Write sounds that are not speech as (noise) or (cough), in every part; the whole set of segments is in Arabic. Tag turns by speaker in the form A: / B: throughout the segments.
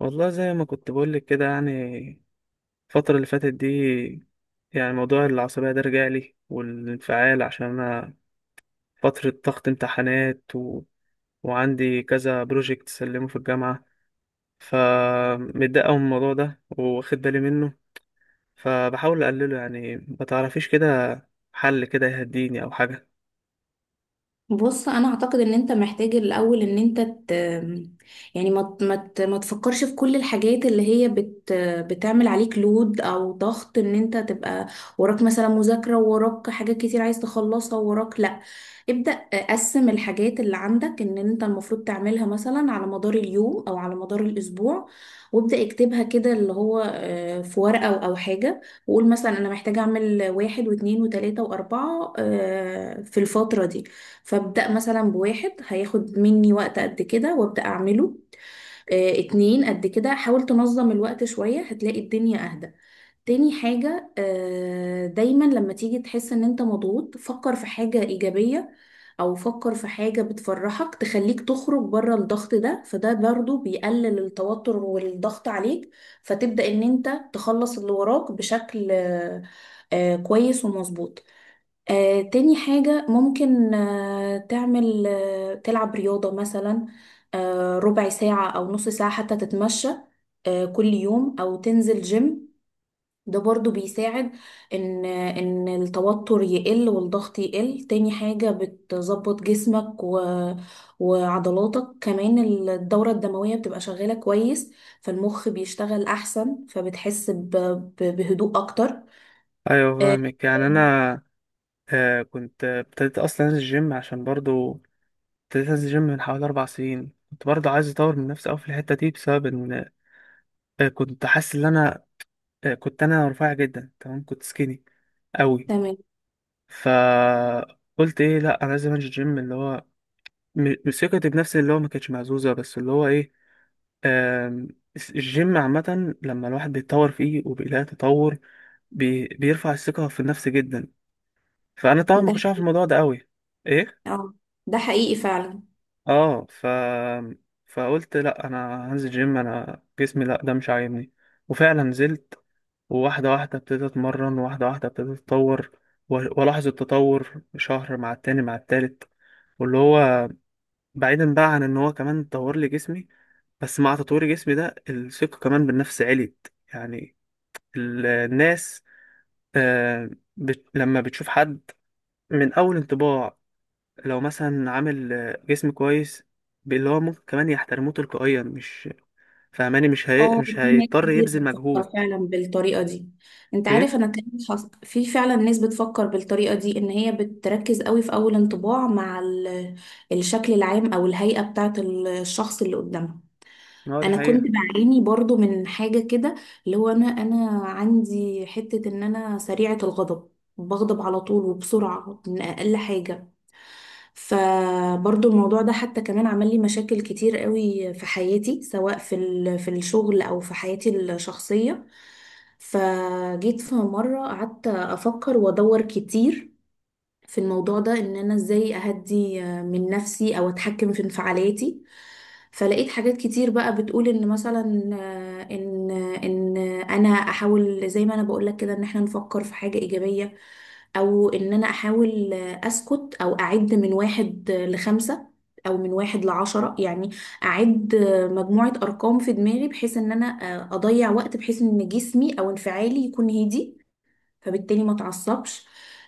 A: والله زي ما كنت بقولك كده، يعني الفترة اللي فاتت دي، يعني موضوع العصبية ده رجع لي، والانفعال، عشان أنا فترة ضغط امتحانات وعندي كذا بروجكت سلمه في الجامعة. فمتضايق أوي من الموضوع ده، واخد بالي منه، فبحاول أقلله. يعني ما تعرفيش كده حل كده يهديني أو حاجة؟
B: بص انا اعتقد ان انت محتاج الاول يعني ما تفكرش في كل الحاجات اللي هي بتعمل عليك لود او ضغط. ان انت تبقى وراك مثلا مذاكرة، وراك حاجات كتير عايز تخلصها، وراك لا. ابدأ، قسم الحاجات اللي عندك ان انت المفروض تعملها مثلا على مدار اليوم او على مدار الاسبوع، وابدأ اكتبها كده اللي هو في ورقة أو حاجة. وقول مثلا انا محتاجة اعمل واحد واثنين وثلاثة واربعة في الفترة دي. فابدأ مثلا بواحد هياخد مني وقت قد كده وابدأ أعمله، اتنين قد كده. حاول تنظم الوقت شوية هتلاقي الدنيا أهدى. تاني حاجة، دايما لما تيجي تحس ان انت مضغوط فكر في حاجة إيجابية، أو فكر في حاجة بتفرحك تخليك تخرج بره الضغط ده، فده برضو بيقلل التوتر والضغط عليك، فتبدأ ان انت تخلص اللي وراك بشكل كويس ومظبوط. تاني حاجة، ممكن تعمل، تلعب رياضة مثلا، ربع ساعة أو نص ساعة حتى تتمشى، كل يوم، أو تنزل جيم. ده برضو بيساعد إن التوتر يقل والضغط يقل. تاني حاجة بتظبط جسمك و... وعضلاتك كمان. الدورة الدموية بتبقى شغالة كويس، فالمخ بيشتغل أحسن فبتحس ب... ب- بهدوء أكتر.
A: أيوة،
B: آه،
A: فاهمك. يعني أنا كنت ابتديت أصلا أنزل الجيم، عشان برضو ابتديت انزل جيم من حوالي 4 سنين. كنت برضه عايز اطور من نفسي قوي في الحته دي، بسبب ان كنت حاسس ان انا كنت انا رفيع جدا. تمام، كنت سكيني قوي.
B: تمام.
A: فقلت ايه، لا انا لازم انزل جيم، اللي هو ثقتي بنفسي اللي هو ما كانتش مهزوزه، بس اللي هو ايه، آم، الجيم عامه لما الواحد بيتطور فيه وبيلاقي تطور بيرفع الثقه في النفس جدا. فانا طبعا ما
B: ده
A: كنتش عارف الموضوع ده قوي. ايه.
B: اه، ده حقيقي فعلا.
A: اه. فقلت لا، انا هنزل جيم. انا جسمي لا ده مش عاجبني. وفعلا نزلت، وواحده واحده ابتديت اتمرن، واحده واحده ابتديت اتطور، والاحظ التطور شهر مع التاني مع التالت. واللي هو، بعيدا بقى عن ان هو كمان طور لي جسمي، بس مع تطوير جسمي ده الثقه كمان بالنفس عليت. يعني الناس آه لما بتشوف حد من اول انطباع، لو مثلا عامل جسم كويس، اللي هو ممكن كمان يحترموه تلقائيا. مش فاهماني؟
B: اه،
A: مش
B: في ناس
A: هيضطر
B: كتير
A: يبذل مجهود.
B: بتفكر فعلا بالطريقة دي. انت عارف
A: ايه.
B: انا كمان في فعلا ناس بتفكر بالطريقة دي ان هي بتركز قوي في اول انطباع مع الشكل العام او الهيئة بتاعة الشخص اللي قدامها.
A: اه، دي
B: انا
A: حقيقة.
B: كنت بعاني برضو من حاجة كده، اللي هو انا عندي حتة ان انا سريعة الغضب. بغضب على طول وبسرعة من اقل حاجة. فبرضو الموضوع ده حتى كمان عمل لي مشاكل كتير قوي في حياتي، سواء في في الشغل او في حياتي الشخصية. فجيت في مرة قعدت افكر وادور كتير في الموضوع ده، ان انا ازاي اهدي من نفسي او اتحكم في انفعالاتي. فلقيت حاجات كتير بقى بتقول ان مثلا آه، ان ان انا احاول زي ما انا بقول لك كده ان احنا نفكر في حاجة ايجابية، او ان انا احاول اسكت او اعد من واحد لخمسة، او من واحد لعشرة. يعني اعد مجموعة ارقام في دماغي، بحيث ان انا اضيع وقت، بحيث ان جسمي او انفعالي يكون هادي، فبالتالي ما اتعصبش.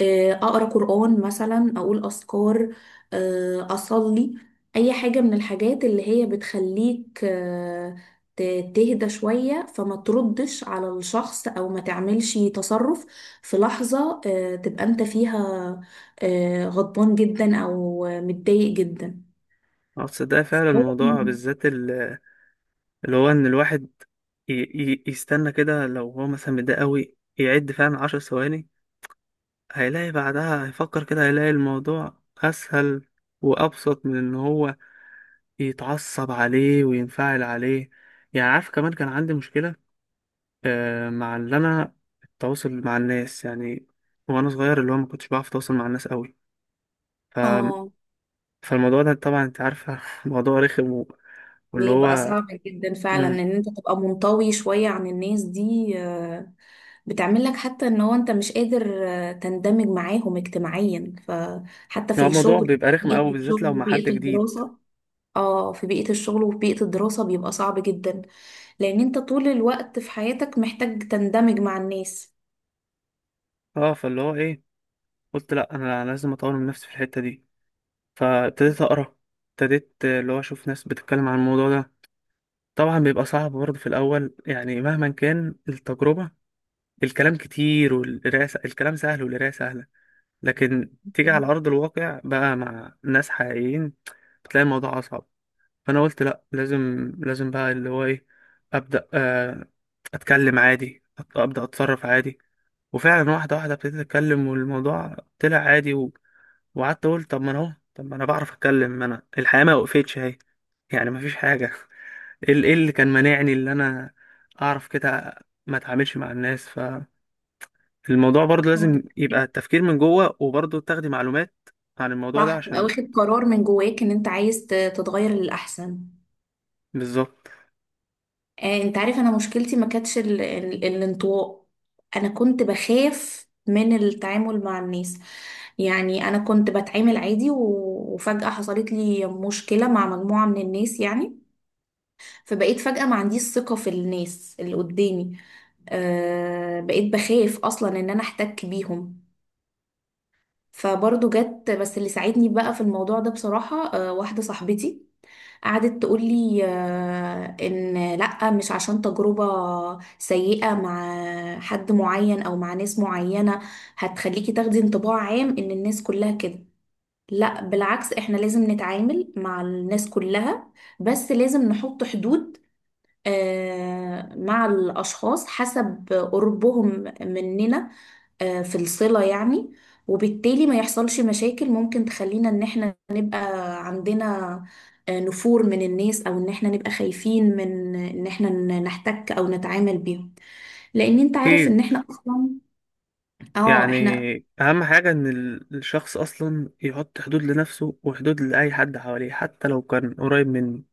B: اقرا قران مثلا، اقول اذكار، اصلي. اي حاجه من الحاجات اللي هي بتخليك ت- تهدى شويه، فما تردش على الشخص او ما تعملش تصرف في لحظه تبقى انت فيها غضبان جدا او متضايق جدا.
A: اه، تصدق فعلا
B: هو-
A: الموضوع بالذات، اللي هو ان الواحد يستنى كده، لو هو مثلا متضايق قوي، يعد فعلا 10 ثواني، هيلاقي بعدها هيفكر كده، هيلاقي الموضوع اسهل وابسط من ان هو يتعصب عليه وينفعل عليه. يعني عارف، كمان كان عندي مشكلة مع اللي انا، التواصل مع الناس يعني. وانا صغير اللي هو ما كنتش بعرف اتواصل مع الناس قوي. ف...
B: اه،
A: فالموضوع ده طبعا انت عارفه (laughs) موضوع رخم واللي
B: بيبقى
A: هو
B: صعب جدا فعلا
A: مم،
B: ان انت تبقى منطوي شوية عن الناس دي، بتعمل لك حتى ان هو انت مش قادر تندمج معاهم اجتماعيا، فحتى
A: هو
B: في
A: الموضوع
B: الشغل
A: بيبقى رخم قوي
B: بيئة
A: بالذات لو
B: الشغل
A: مع حد
B: وبيئة
A: جديد.
B: الدراسة. اه، في بيئة الشغل وفي بيئة الدراسة بيبقى صعب جدا، لان انت طول الوقت في حياتك محتاج تندمج مع الناس.
A: اه، فاللي هو ايه، قلت لا انا لازم اطور من نفسي في الحته دي. فابتديت اقرا، ابتديت اللي هو اشوف ناس بتتكلم عن الموضوع ده. طبعا بيبقى صعب برضه في الاول، يعني مهما كان التجربه، الكلام كتير والقراءه الكلام سهل والقراءه سهله، لكن تيجي على أرض الواقع بقى مع ناس حقيقيين بتلاقي الموضوع أصعب. فأنا قلت لأ، لازم لازم بقى اللي هو إيه، أبدأ أتكلم عادي، أبدأ أتصرف عادي. وفعلا واحدة واحدة ابتديت أتكلم والموضوع طلع عادي وقعدت أقول طب ما أنا أهو، طب ما أنا بعرف أتكلم، ما أنا الحياة ما وقفتش أهي. يعني مفيش حاجة (laughs) إيه إيه اللي كان مانعني؟ اللي أنا أعرف كده ما أتعاملش مع الناس. الموضوع برضه
B: آه،
A: لازم يبقى التفكير من جوه، وبرضه تاخدي معلومات عن الموضوع ده،
B: صح، تبقى
A: عشان
B: واخد قرار من جواك ان انت عايز تتغير للأحسن.
A: بالظبط.
B: انت عارف انا مشكلتي ما كانتش الانطواء. انا كنت بخاف من التعامل مع الناس. يعني انا كنت بتعامل عادي وفجأة حصلت لي مشكلة مع مجموعة من الناس يعني، فبقيت فجأة ما عنديش ثقة في الناس اللي قدامي. بقيت بخاف اصلا ان انا احتك بيهم. فبرضه جت بس اللي ساعدني بقى في الموضوع ده بصراحة واحدة صاحبتي. قعدت تقولي ان لا، مش عشان تجربة سيئة مع حد معين او مع ناس معينة هتخليكي تاخدي انطباع عام ان الناس كلها كده. لا، بالعكس، احنا لازم نتعامل مع الناس كلها، بس لازم نحط حدود مع الاشخاص حسب قربهم مننا في الصلة يعني. وبالتالي ما يحصلش مشاكل ممكن تخلينا ان احنا نبقى عندنا نفور من الناس، او ان احنا نبقى خايفين من ان احنا نحتك او نتعامل بيهم. لان انت عارف
A: اكيد،
B: ان احنا اصلا. اه،
A: يعني
B: احنا.
A: اهم حاجة ان الشخص اصلا يحط حدود لنفسه، وحدود لأي حد حواليه حتى لو كان قريب منه.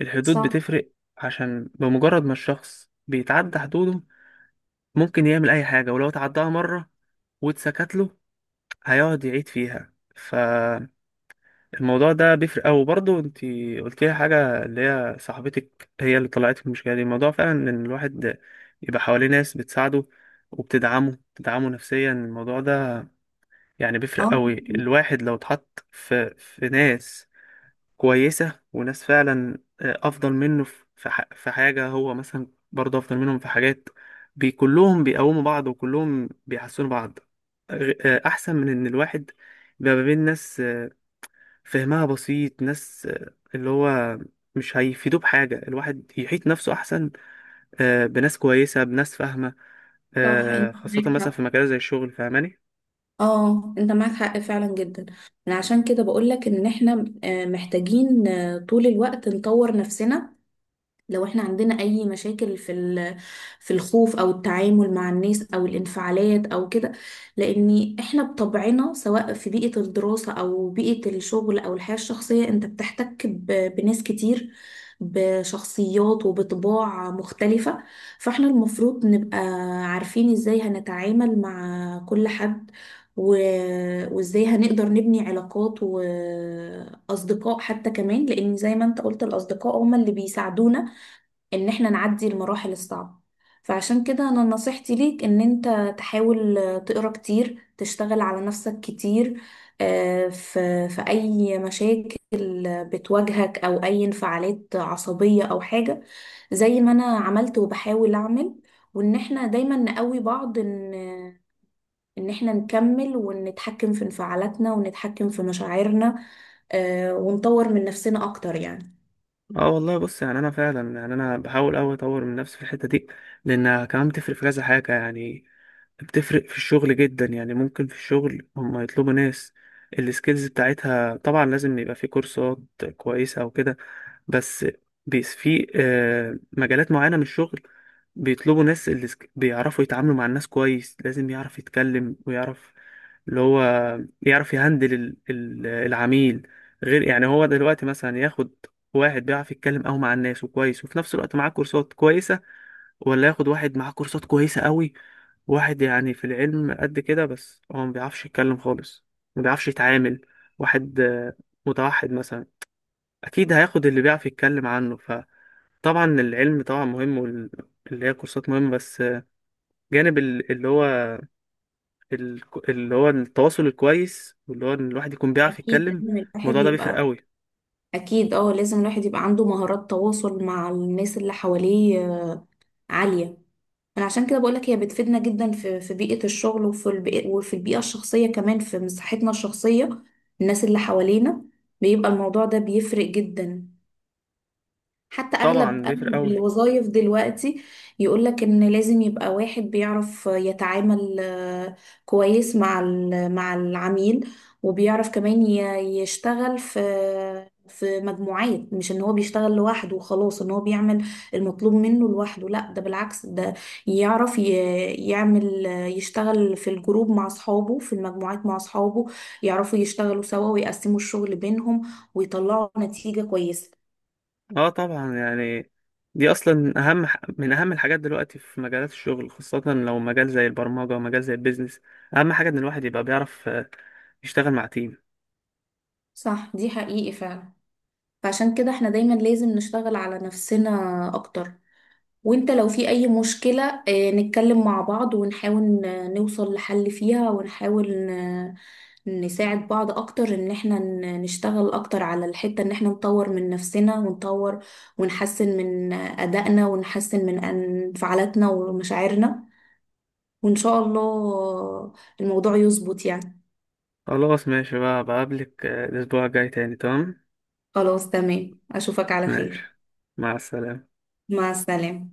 A: الحدود
B: صح.
A: بتفرق، عشان بمجرد ما الشخص بيتعدى حدوده ممكن يعمل اي حاجة. ولو تعداها مرة واتسكت له هيقعد يعيد فيها. الموضوع ده بيفرق أوي. برضه انت قلت لي حاجة، اللي هي صاحبتك هي اللي طلعت المشكلة دي، الموضوع فعلا ان الواحد يبقى حواليه ناس بتساعده وبتدعمه، بتدعمه نفسيا. الموضوع ده يعني
B: اه،
A: بيفرق أوي. الواحد لو اتحط في ناس كويسة وناس فعلا أفضل منه في في حاجة، هو مثلا برضه أفضل منهم في حاجات، كلهم بيقوموا بعض وكلهم بيحسنوا بعض. أحسن من ان الواحد بيبقى ما بين ناس فهمها بسيط. ناس اللي هو مش هيفيدوه بحاجة. الواحد يحيط نفسه أحسن بناس كويسة، بناس فاهمة،
B: صح، انت
A: خاصة
B: معاك
A: مثلا في
B: حق.
A: مجال زي الشغل. فاهماني؟
B: اه، انت معاك حق فعلا جدا. انا عشان كده بقولك ان احنا محتاجين طول الوقت نطور نفسنا، لو احنا عندنا اي مشاكل في في الخوف او التعامل مع الناس او الانفعالات او كده. لان احنا بطبعنا سواء في بيئة الدراسة او بيئة الشغل او الحياة الشخصية انت بتحتك بناس كتير، بشخصيات وبطباع مختلفة. فاحنا المفروض نبقى عارفين ازاي هنتعامل مع كل حد، و... وازاي هنقدر نبني علاقات واصدقاء حتى كمان، لان زي ما انت قلت الاصدقاء هم اللي بيساعدونا ان احنا نعدي المراحل الصعبة. فعشان كده انا نصيحتي ليك ان انت تحاول تقرا كتير، تشتغل على نفسك كتير في اي مشاكل بتواجهك او اي انفعالات عصبية او حاجة زي ما انا عملت وبحاول اعمل، وان احنا دايما نقوي بعض ان احنا نكمل ونتحكم في انفعالاتنا ونتحكم في مشاعرنا، ونطور من نفسنا اكتر يعني.
A: اه والله، بص يعني انا فعلا يعني انا بحاول اوي اطور من نفسي في الحته دي، لانها كمان بتفرق في كذا حاجه. يعني بتفرق في الشغل جدا. يعني ممكن في الشغل هم يطلبوا ناس السكيلز بتاعتها، طبعا لازم يبقى في كورسات كويسه او كده. بس بيس في مجالات معينه من الشغل بيطلبوا ناس اللي بيعرفوا يتعاملوا مع الناس كويس، لازم يعرف يتكلم ويعرف اللي هو يعرف يهندل العميل. غير يعني هو دلوقتي مثلا ياخد واحد بيعرف يتكلم قوي مع الناس وكويس وفي نفس الوقت معاه كورسات كويسة، ولا ياخد واحد معاه كورسات كويسة قوي، واحد يعني في العلم قد كده بس هو ما بيعرفش يتكلم خالص، ما بيعرفش يتعامل، واحد متوحد مثلا؟ اكيد هياخد اللي بيعرف يتكلم عنه. فطبعا العلم طبعا مهم، واللي هي كورسات مهمة، بس جانب ال- اللي هو التواصل الكويس واللي هو ان الواحد يكون بيعرف
B: اكيد
A: يتكلم.
B: لازم
A: الموضوع
B: الواحد
A: ده بيفرق
B: يبقى.
A: قوي.
B: أكيد، اه لازم الواحد يبقى عنده مهارات تواصل مع الناس اللي حواليه عالية. أنا عشان كده بقولك هي بتفيدنا جدا في في بيئة الشغل وفي البيئة وفي البيئة الشخصية كمان، في مساحتنا الشخصية الناس اللي حوالينا بيبقى الموضوع ده بيفرق جدا. حتى
A: طبعا
B: اغلب
A: بيفرق
B: اغلب
A: قوي.
B: الوظائف دلوقتي يقولك ان لازم يبقى واحد بيعرف يتعامل كويس مع مع العميل، وبيعرف كمان يشتغل في في مجموعات. مش ان هو بيشتغل لوحده وخلاص، ان هو بيعمل المطلوب منه لوحده، لا ده بالعكس. ده يعرف يعمل، يشتغل في الجروب مع اصحابه، في المجموعات مع اصحابه، يعرفوا يشتغلوا سوا ويقسموا الشغل بينهم ويطلعوا نتيجة كويسة.
A: اه، طبعا، يعني دي اصلا اهم من اهم الحاجات دلوقتي في مجالات الشغل، خاصة لو مجال زي البرمجة ومجال زي البيزنس. اهم حاجة ان الواحد يبقى بيعرف يشتغل مع تيم.
B: صح، دي حقيقي فعلا. فعشان كده احنا دايما لازم نشتغل على نفسنا اكتر. وانت لو في اي مشكلة، اه، نتكلم مع بعض ونحاول نوصل لحل فيها، ونحاول نساعد بعض اكتر ان احنا نشتغل اكتر على الحتة ان احنا نطور من نفسنا، ونطور ونحسن من ادائنا ونحسن من انفعالاتنا ومشاعرنا، وان شاء الله الموضوع يظبط يعني.
A: خلاص ماشي بقى، بقابلك الاسبوع الجاي تاني. تمام،
B: خلاص تمام، اشوفك على خير.
A: ماشي، مع السلامة.
B: مع السلامة.